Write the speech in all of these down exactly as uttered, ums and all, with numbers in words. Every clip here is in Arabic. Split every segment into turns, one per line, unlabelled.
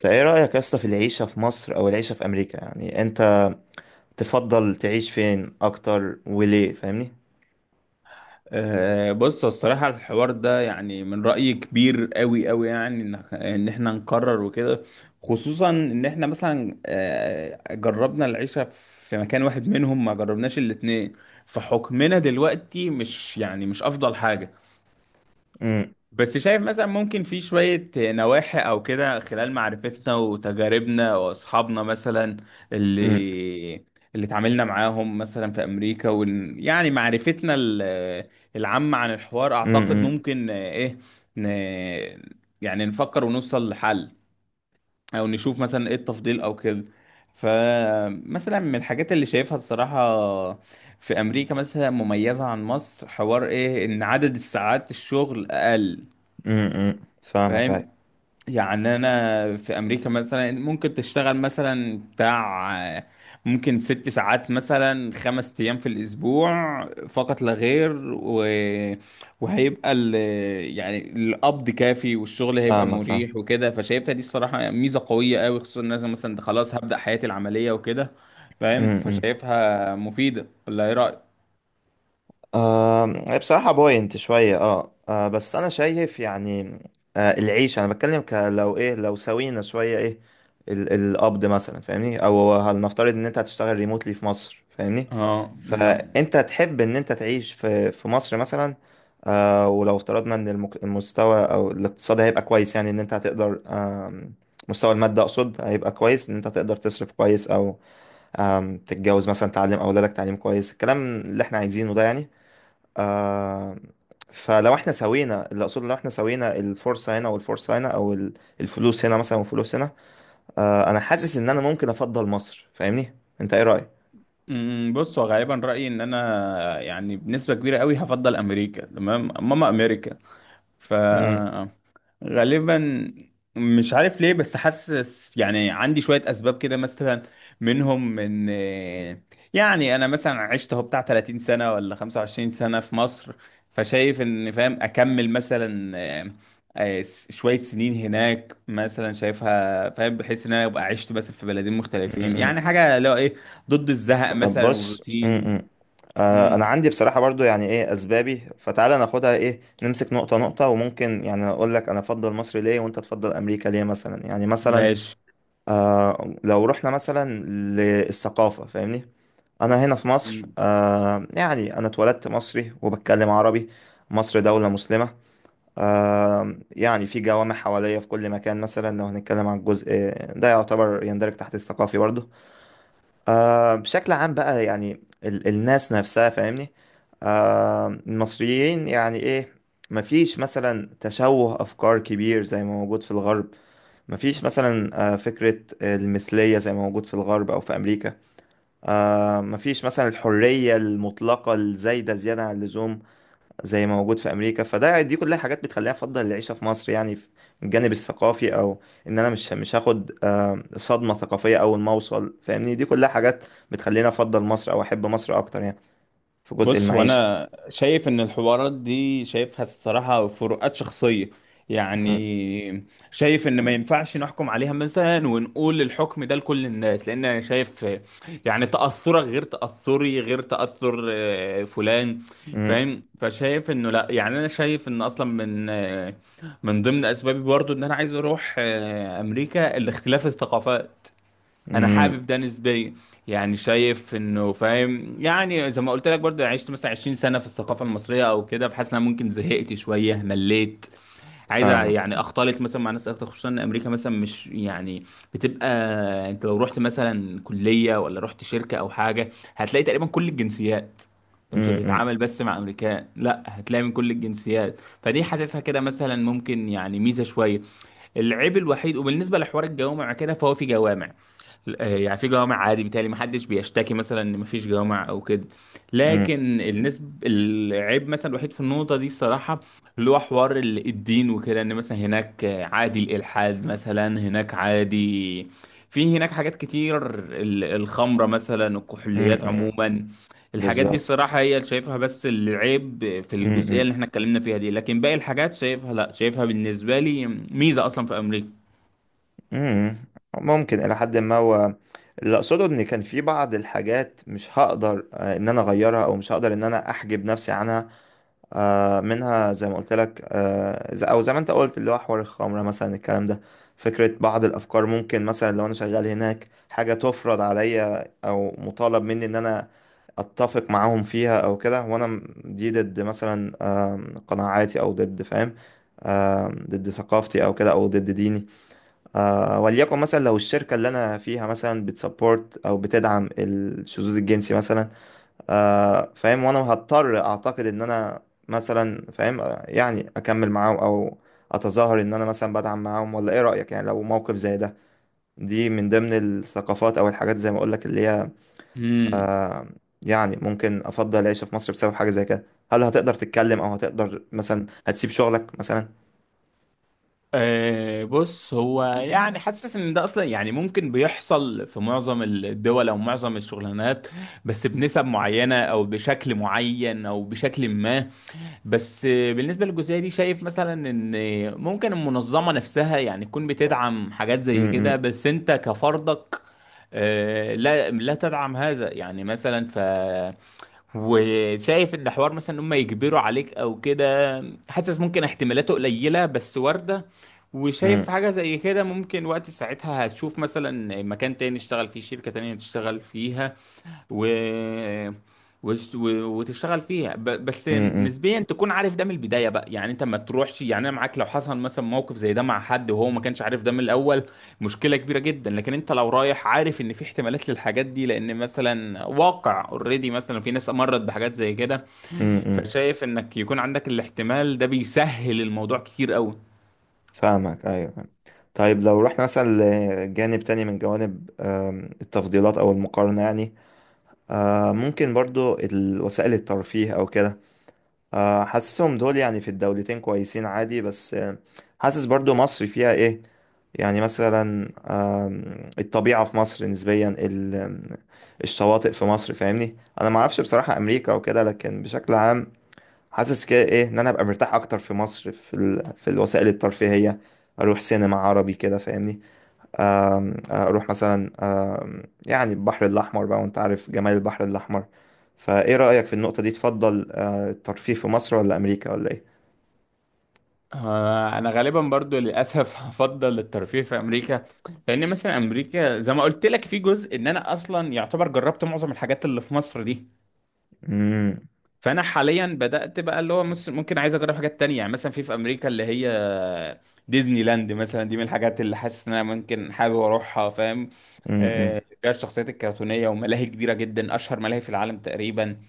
فايه رأيك يا اسطى في العيشة في مصر او العيشة في امريكا؟ يعني انت تفضل تعيش فين اكتر وليه؟ فاهمني؟
أه بص، هو الصراحة الحوار ده يعني من رأيي كبير قوي قوي، يعني ان إن احنا نقرر وكده. خصوصا ان احنا مثلا أه جربنا العيشة في مكان واحد منهم، ما جربناش الاتنين، فحكمنا دلوقتي مش يعني مش افضل حاجة.
امم.
بس شايف مثلا ممكن في شوية نواحي أو كده، خلال معرفتنا وتجاربنا وأصحابنا مثلا
امم.
اللي اللي اتعاملنا معاهم مثلا في أمريكا وال... يعني معرفتنا ال- العامة عن الحوار، أعتقد
امم.
ممكن آه، إيه ن... يعني نفكر ونوصل لحل، أو نشوف مثلا إيه التفضيل أو كده. فمثلا من الحاجات اللي شايفها الصراحة في أمريكا مثلا مميزة عن مصر، حوار إيه إن عدد الساعات الشغل أقل.
امم. فاهمك اي.
فاهم، يعني انا في امريكا مثلا ممكن تشتغل مثلا بتاع آه، ممكن ست ساعات مثلا خمس ايام في الاسبوع فقط لا غير، و... وهيبقى ال... يعني القبض كافي، والشغل هيبقى
فاهمك فاهم.
مريح وكده. فشايفها دي الصراحة ميزة قوية قوي، خصوصا ان انا مثلا ده خلاص هبدأ حياتي العملية وكده. فاهم،
امم.
فشايفها مفيدة، ولا ايه رأيك؟
آه، بصراحة بوينت شوية، اه, آه بس أنا شايف، يعني. آه العيش، أنا بتكلم ك- لو إيه لو سوينا شوية إيه ال القبض مثلا، فاهمني؟ أو هنفترض إن أنت هتشتغل ريموتلي في مصر، فاهمني؟
اه من
فأنت تحب إن أنت تعيش في في مصر مثلا. آه ولو افترضنا إن المك- المستوى أو الاقتصاد هيبقى كويس، يعني إن أنت هتقدر آم، مستوى المادة أقصد، هيبقى كويس إن أنت تقدر تصرف كويس، أو آم، تتجوز مثلا، تعلم أولادك تعليم كويس، الكلام اللي إحنا عايزينه ده، يعني. آه. فلو احنا سوينا، اللي اقصده لو احنا سوينا الفرصة هنا والفرصة هنا، او ال- الفلوس هنا مثلا والفلوس هنا. آه، انا حاسس ان انا ممكن افضل مصر، فاهمني؟ انت ايه رأيك؟
أمم، بص، هو غالبا رأيي ان انا يعني بنسبة كبيرة قوي هفضل امريكا. تمام ماما امريكا، ف
مم،
غالبا. مش عارف ليه، بس حاسس يعني عندي شوية أسباب كده مثلا، منهم إن يعني أنا مثلا عشت هو بتاع تلاتين سنة ولا خمسة وعشرين سنة في مصر، فشايف إن فاهم أكمل مثلا آه، آه، س- شوية سنين هناك مثلا، شايفها فاهم بحيث إن أنا أبقى عشت مثلا في بلدين
مم،
مختلفين،
مم.
يعني حاجة لو إيه ضد الزهق
طب
مثلا
بص. مم،
والروتين.
مم. آه، انا
مم،
عندي بصراحة برضو، يعني، ايه اسبابي؟ فتعالى ناخدها، ايه، نمسك نقطة نقطة، وممكن يعني اقول لك انا افضل مصر ليه وانت تفضل امريكا ليه مثلا، يعني مثلا.
ماشي.
آه، لو رحنا مثلا للثقافة، فاهمني؟ انا هنا في مصر، آه يعني انا اتولدت مصري وبتكلم عربي. مصر دولة مسلمة. آه يعني في جوامع حواليا في كل مكان، مثلا لو هنتكلم عن الجزء ده يعتبر يندرج تحت الثقافي برضه. آه بشكل عام بقى، يعني ال الناس نفسها، فاهمني؟ آه المصريين، يعني ايه. مفيش مثلا تشوه افكار كبير زي ما موجود في الغرب. مفيش مثلا آه فكرة المثلية زي ما موجود في الغرب او في امريكا. آه مفيش مثلا الحرية المطلقة الزايدة زيادة عن اللزوم زي ما موجود في أمريكا، فده دي كلها حاجات بتخليني أفضل العيشة في مصر، يعني في الجانب الثقافي، أو إن أنا مش مش هاخد آه صدمة ثقافية أول ما أوصل، فاهمني؟ دي كلها حاجات بتخليني أفضل مصر أو أحب مصر أكتر، يعني في جزء
بص، هو
المعيشة.
انا شايف ان الحوارات دي شايفها الصراحه فروقات شخصيه،
م-
يعني شايف ان ما ينفعش نحكم عليها مثلا ونقول الحكم ده لكل الناس، لان انا شايف آه، يعني تاثرك غير تاثري غير تاثر آه، فلان.
م-
فاهم، فشايف انه لا، يعني انا شايف ان اصلا من آه، من ضمن اسبابي برضو ان انا عايز اروح آه، امريكا، الاختلاف الثقافات. انا
م-
حابب ده نسبيا، يعني شايف انه فاهم، يعني زي ما قلت لك برضه، يعني عشت مثلا عشرين سنه في الثقافه المصريه او كده، فحاسس ان انا ممكن زهقت شويه، مليت. عايز
فاهمك.
يعني اختلط مثلا مع ناس اكتر، خصوصا ان امريكا مثلا مش يعني بتبقى، انت لو رحت مثلا كليه ولا رحت شركه او حاجه، هتلاقي تقريبا كل الجنسيات. انت
م-
مش
م-
هتتعامل بس مع امريكان، لا، هتلاقي من كل الجنسيات، فدي حاسسها كده مثلا ممكن يعني ميزه شويه. العيب الوحيد، وبالنسبه لحوار الجوامع كده، فهو في جوامع آه، يعني في جوامع عادي، بالتالي ما حدش بيشتكي مثلا ان ما فيش جوامع او كده.
م-
لكن النسب العيب مثلا الوحيد في النقطه دي الصراحه اللي هو حوار ال- الدين وكده، ان مثلا هناك آه، عادي الالحاد مثلا هناك، عادي في هناك حاجات كتير، ال- الخمره مثلا،
م-
الكحوليات
م-
عموما. الحاجات دي
بالظبط.
الصراحه هي اللي شايفها بس العيب في
م-
الجزئيه اللي
م-
احنا اتكلمنا فيها دي، لكن باقي الحاجات شايفها لا، شايفها بالنسبه لي ميزه اصلا في امريكا.
امم. ممكن الى حد ما، هو اللي اقصده ان كان في بعض الحاجات مش هقدر آه، ان انا اغيرها او مش هقدر ان انا احجب نفسي عنها آه، منها، زي ما قلت لك، آه، ز- او زي ما انت قلت، اللي هو حوار الخمره مثلا الكلام ده، فكره بعض الافكار. ممكن مثلا لو انا شغال هناك حاجه تفرض عليا او مطالب مني ان انا اتفق معاهم فيها او كده، وانا م- دي ضد مثلا آم، قناعاتي، او ضد، فاهم؟ آم، ضد ثقافتي او كده، او ضد ديني. آه، وليكن مثلا لو الشركة اللي أنا فيها مثلا بتسبورت أو بتدعم الشذوذ الجنسي مثلا آه، فاهم، وأنا هضطر أعتقد إن أنا مثلا، فاهم، آه، يعني أكمل معاهم أو أتظاهر إن أنا مثلا بدعم معاهم، ولا إيه رأيك يعني لو موقف زي ده؟ دي من ضمن الثقافات أو الحاجات زي ما أقولك اللي هي
امم
آه، يعني ممكن أفضل العيش في مصر بسبب حاجة زي كده. هل هتقدر تتكلم أو هتقدر مثلا هتسيب شغلك مثلا؟
أه، بص، هو يعني حاسس ان ده اصلا يعني ممكن بيحصل في معظم الدول او معظم الشغلانات، بس بنسب معينة او بشكل معين او بشكل ما. بس آه، بالنسبة للجزئية دي شايف مثلا ان ممكن المنظمة نفسها يعني تكون بتدعم حاجات
م-
زي كده،
م-
بس انت كفردك آه، لا لا تدعم هذا يعني مثلا. ف وشايف ان حوار مثلا ان هم يجبروا عليك او كده، حاسس ممكن احتمالاته قليله بس وارده. وشايف
م-
حاجه زي كده ممكن وقت ساعتها هتشوف مثلا مكان تاني تشتغل فيه، شركه تانية تشتغل فيها، و... وت- و- وتشتغل فيها ب- بس
م-
نسبيا تكون عارف ده من البدايه بقى. يعني انت ما تروحش، يعني انا معاك لو حصل مثلا موقف زي ده مع حد وهو ما كانش عارف ده من الاول، مشكله كبيره جدا. لكن انت لو رايح عارف ان في احتمالات للحاجات دي، لان مثلا واقع اوريدي مثلا في ناس مرت بحاجات زي كده،
م- م-
فشايف انك يكون عندك الاحتمال ده بيسهل الموضوع كتير قوي.
فاهمك، ايوه فاهم. طيب، لو رحنا مثلا لجانب تاني من جوانب آم، التفضيلات او المقارنة، يعني آه، ممكن برضو ال- وسائل الترفيه او كده. آه، حاسسهم دول يعني في الدولتين كويسين عادي، بس آه، حاسس برضو مصر فيها ايه، يعني مثلا آم، الطبيعة في مصر نسبيا، ال- آم، الشواطئ في مصر، فاهمني؟ انا معرفش بصراحة امريكا وكده، لكن بشكل عام حاسس كده ايه ان انا ابقى مرتاح اكتر في مصر، في ال... في الوسائل الترفيهيه. اروح سينما عربي كده، فاهمني؟ آم، اروح مثلا آم، يعني البحر الاحمر بقى، وانت عارف جمال البحر الاحمر. فايه رايك في النقطه دي؟ تفضل آه، الترفيه في مصر ولا امريكا ولا ايه؟
آه، انا غالبا برضو للاسف هفضل الترفيه في امريكا، لان مثلا امريكا زي ما قلت لك في جزء ان انا اصلا يعتبر جربت معظم الحاجات اللي في مصر دي.
امم.
فانا حاليا بدات بقى اللي هو مس- ممكن عايز اجرب حاجات تانية، يعني مثلا في في امريكا اللي هي ديزني لاند مثلا، دي من الحاجات اللي حاسس ان انا ممكن حابب اروحها، فاهم.
امم.
آه، فيها الشخصيات الكرتونيه وملاهي كبيره جدا، اشهر ملاهي في العالم تقريبا.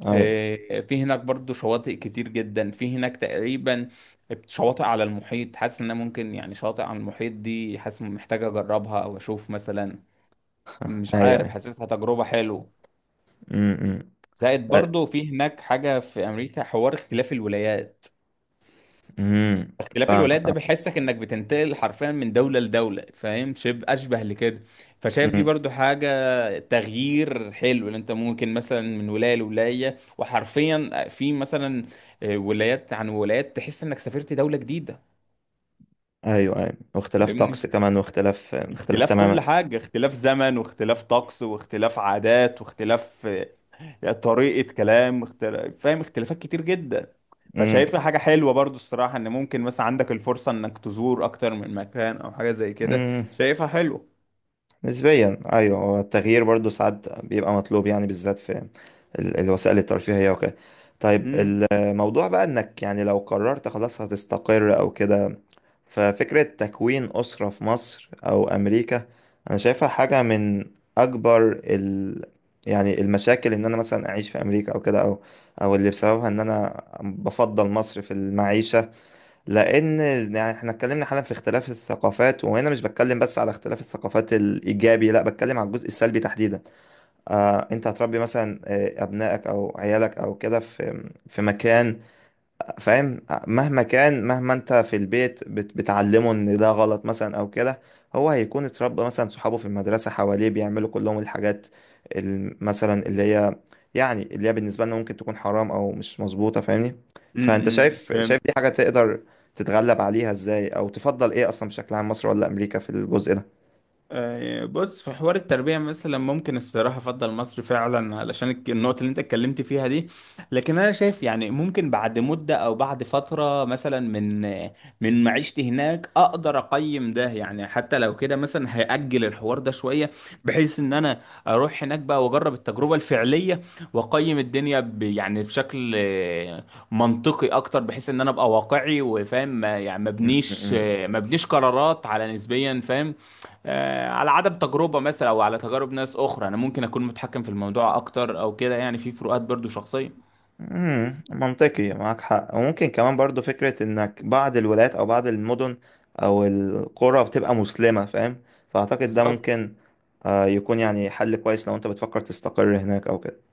ايوه.
آه، في هناك برضو شواطئ كتير جدا في هناك تقريبا، شواطئ على المحيط، حاسس ان أنا ممكن يعني شاطئ على المحيط دي حاسس محتاج اجربها او اشوف مثلا، مش
ايوه.
عارف،
ايوه.
حاسسها تجربة حلوة.
امم.
زائد برضو في هناك حاجة في امريكا، حوار اختلاف الولايات.
امم.
اختلاف
فاهم.
الولايات ده بيحسك انك بتنتقل حرفيا من دولة لدولة، فاهم، شبه اشبه لكده، فشايف دي
امم.
برضو حاجة تغيير حلو. ان انت ممكن مثلا من ولاية لولاية، وحرفيا في مثلا آه، ولايات عن ولايات تحس انك سافرت دولة جديدة،
ايوه ايوه، واختلاف طقس
فاهمني.
كمان، واختلاف، اختلاف
اختلاف
تماما.
كل حاجة، اختلاف زمن واختلاف طقس واختلاف عادات واختلاف يعني طريقة كلام، اختل... فاهم، اختلافات كتير جدا. فشايفها حاجة حلوة برضو الصراحة ان ممكن مثلا عندك الفرصة انك تزور اكتر من مكان او حاجة زي كده،
امم.
شايفها حلوة.
نسبيا ايوه، هو التغيير برضو ساعات بيبقى مطلوب، يعني بالذات في ال- الوسائل الترفيهية وكده. طيب الموضوع بقى انك، يعني لو قررت خلاص هتستقر او كده، ففكرة تكوين أسرة في مصر او امريكا انا شايفها حاجة من اكبر ال يعني المشاكل، ان انا مثلا اعيش في امريكا او كده، او او اللي بسببها ان انا بفضل مصر في المعيشة. لان يعني احنا اتكلمنا حالا في اختلاف الثقافات، وهنا مش بتكلم بس على اختلاف الثقافات الايجابي، لا بتكلم على الجزء السلبي تحديدا. آه انت هتربي مثلا آه، ابنائك او عيالك او كده في في مكان، فاهم؟ مهما كان، مهما انت في البيت بت- بتعلمه ان ده غلط مثلا او كده، هو هيكون اتربى مثلا، صحابه في المدرسة حواليه بيعملوا كلهم الحاجات ال- مثلا اللي هي يعني اللي هي بالنسبة لنا ممكن تكون حرام او مش مظبوطة، فاهمني؟ فانت شايف، شايف
امم
دي حاجة تقدر تتغلب عليها ازاي، او تفضل ايه اصلا بشكل عام، مصر ولا امريكا في الجزء ده؟
آه، بص، في حوار التربية مثلا ممكن الصراحة أفضل مصر فعلا، علشان الك- النقطة اللي أنت اتكلمت فيها دي. لكن أنا شايف يعني ممكن بعد مدة أو بعد فترة مثلا من من معيشتي هناك أقدر أقيم ده، يعني حتى لو كده مثلا هأجل الحوار ده شوية، بحيث إن أنا أروح هناك بقى وأجرب التجربة الفعلية، وأقيم الدنيا ب يعني بشكل آه، منطقي أكتر، بحيث إن أنا أبقى واقعي وفاهم ما- يعني ما
م-
بنيش
م-
ما بنيش قرارات على نسبيا، فاهم، آه، على عدم تجربة مثلا أو على تجارب ناس أخرى. أنا ممكن أكون متحكم في الموضوع أكتر أو كده، يعني في فروقات برضو شخصية.
امم، منطقي، معاك حق. وممكن كمان برضو فكرة انك بعض الولايات او بعض المدن او القرى بتبقى مسلمة، فاهم؟ فاعتقد ده
بالظبط.
ممكن آه، يكون يعني حل كويس لو انت بتفكر تستقر هناك او كده.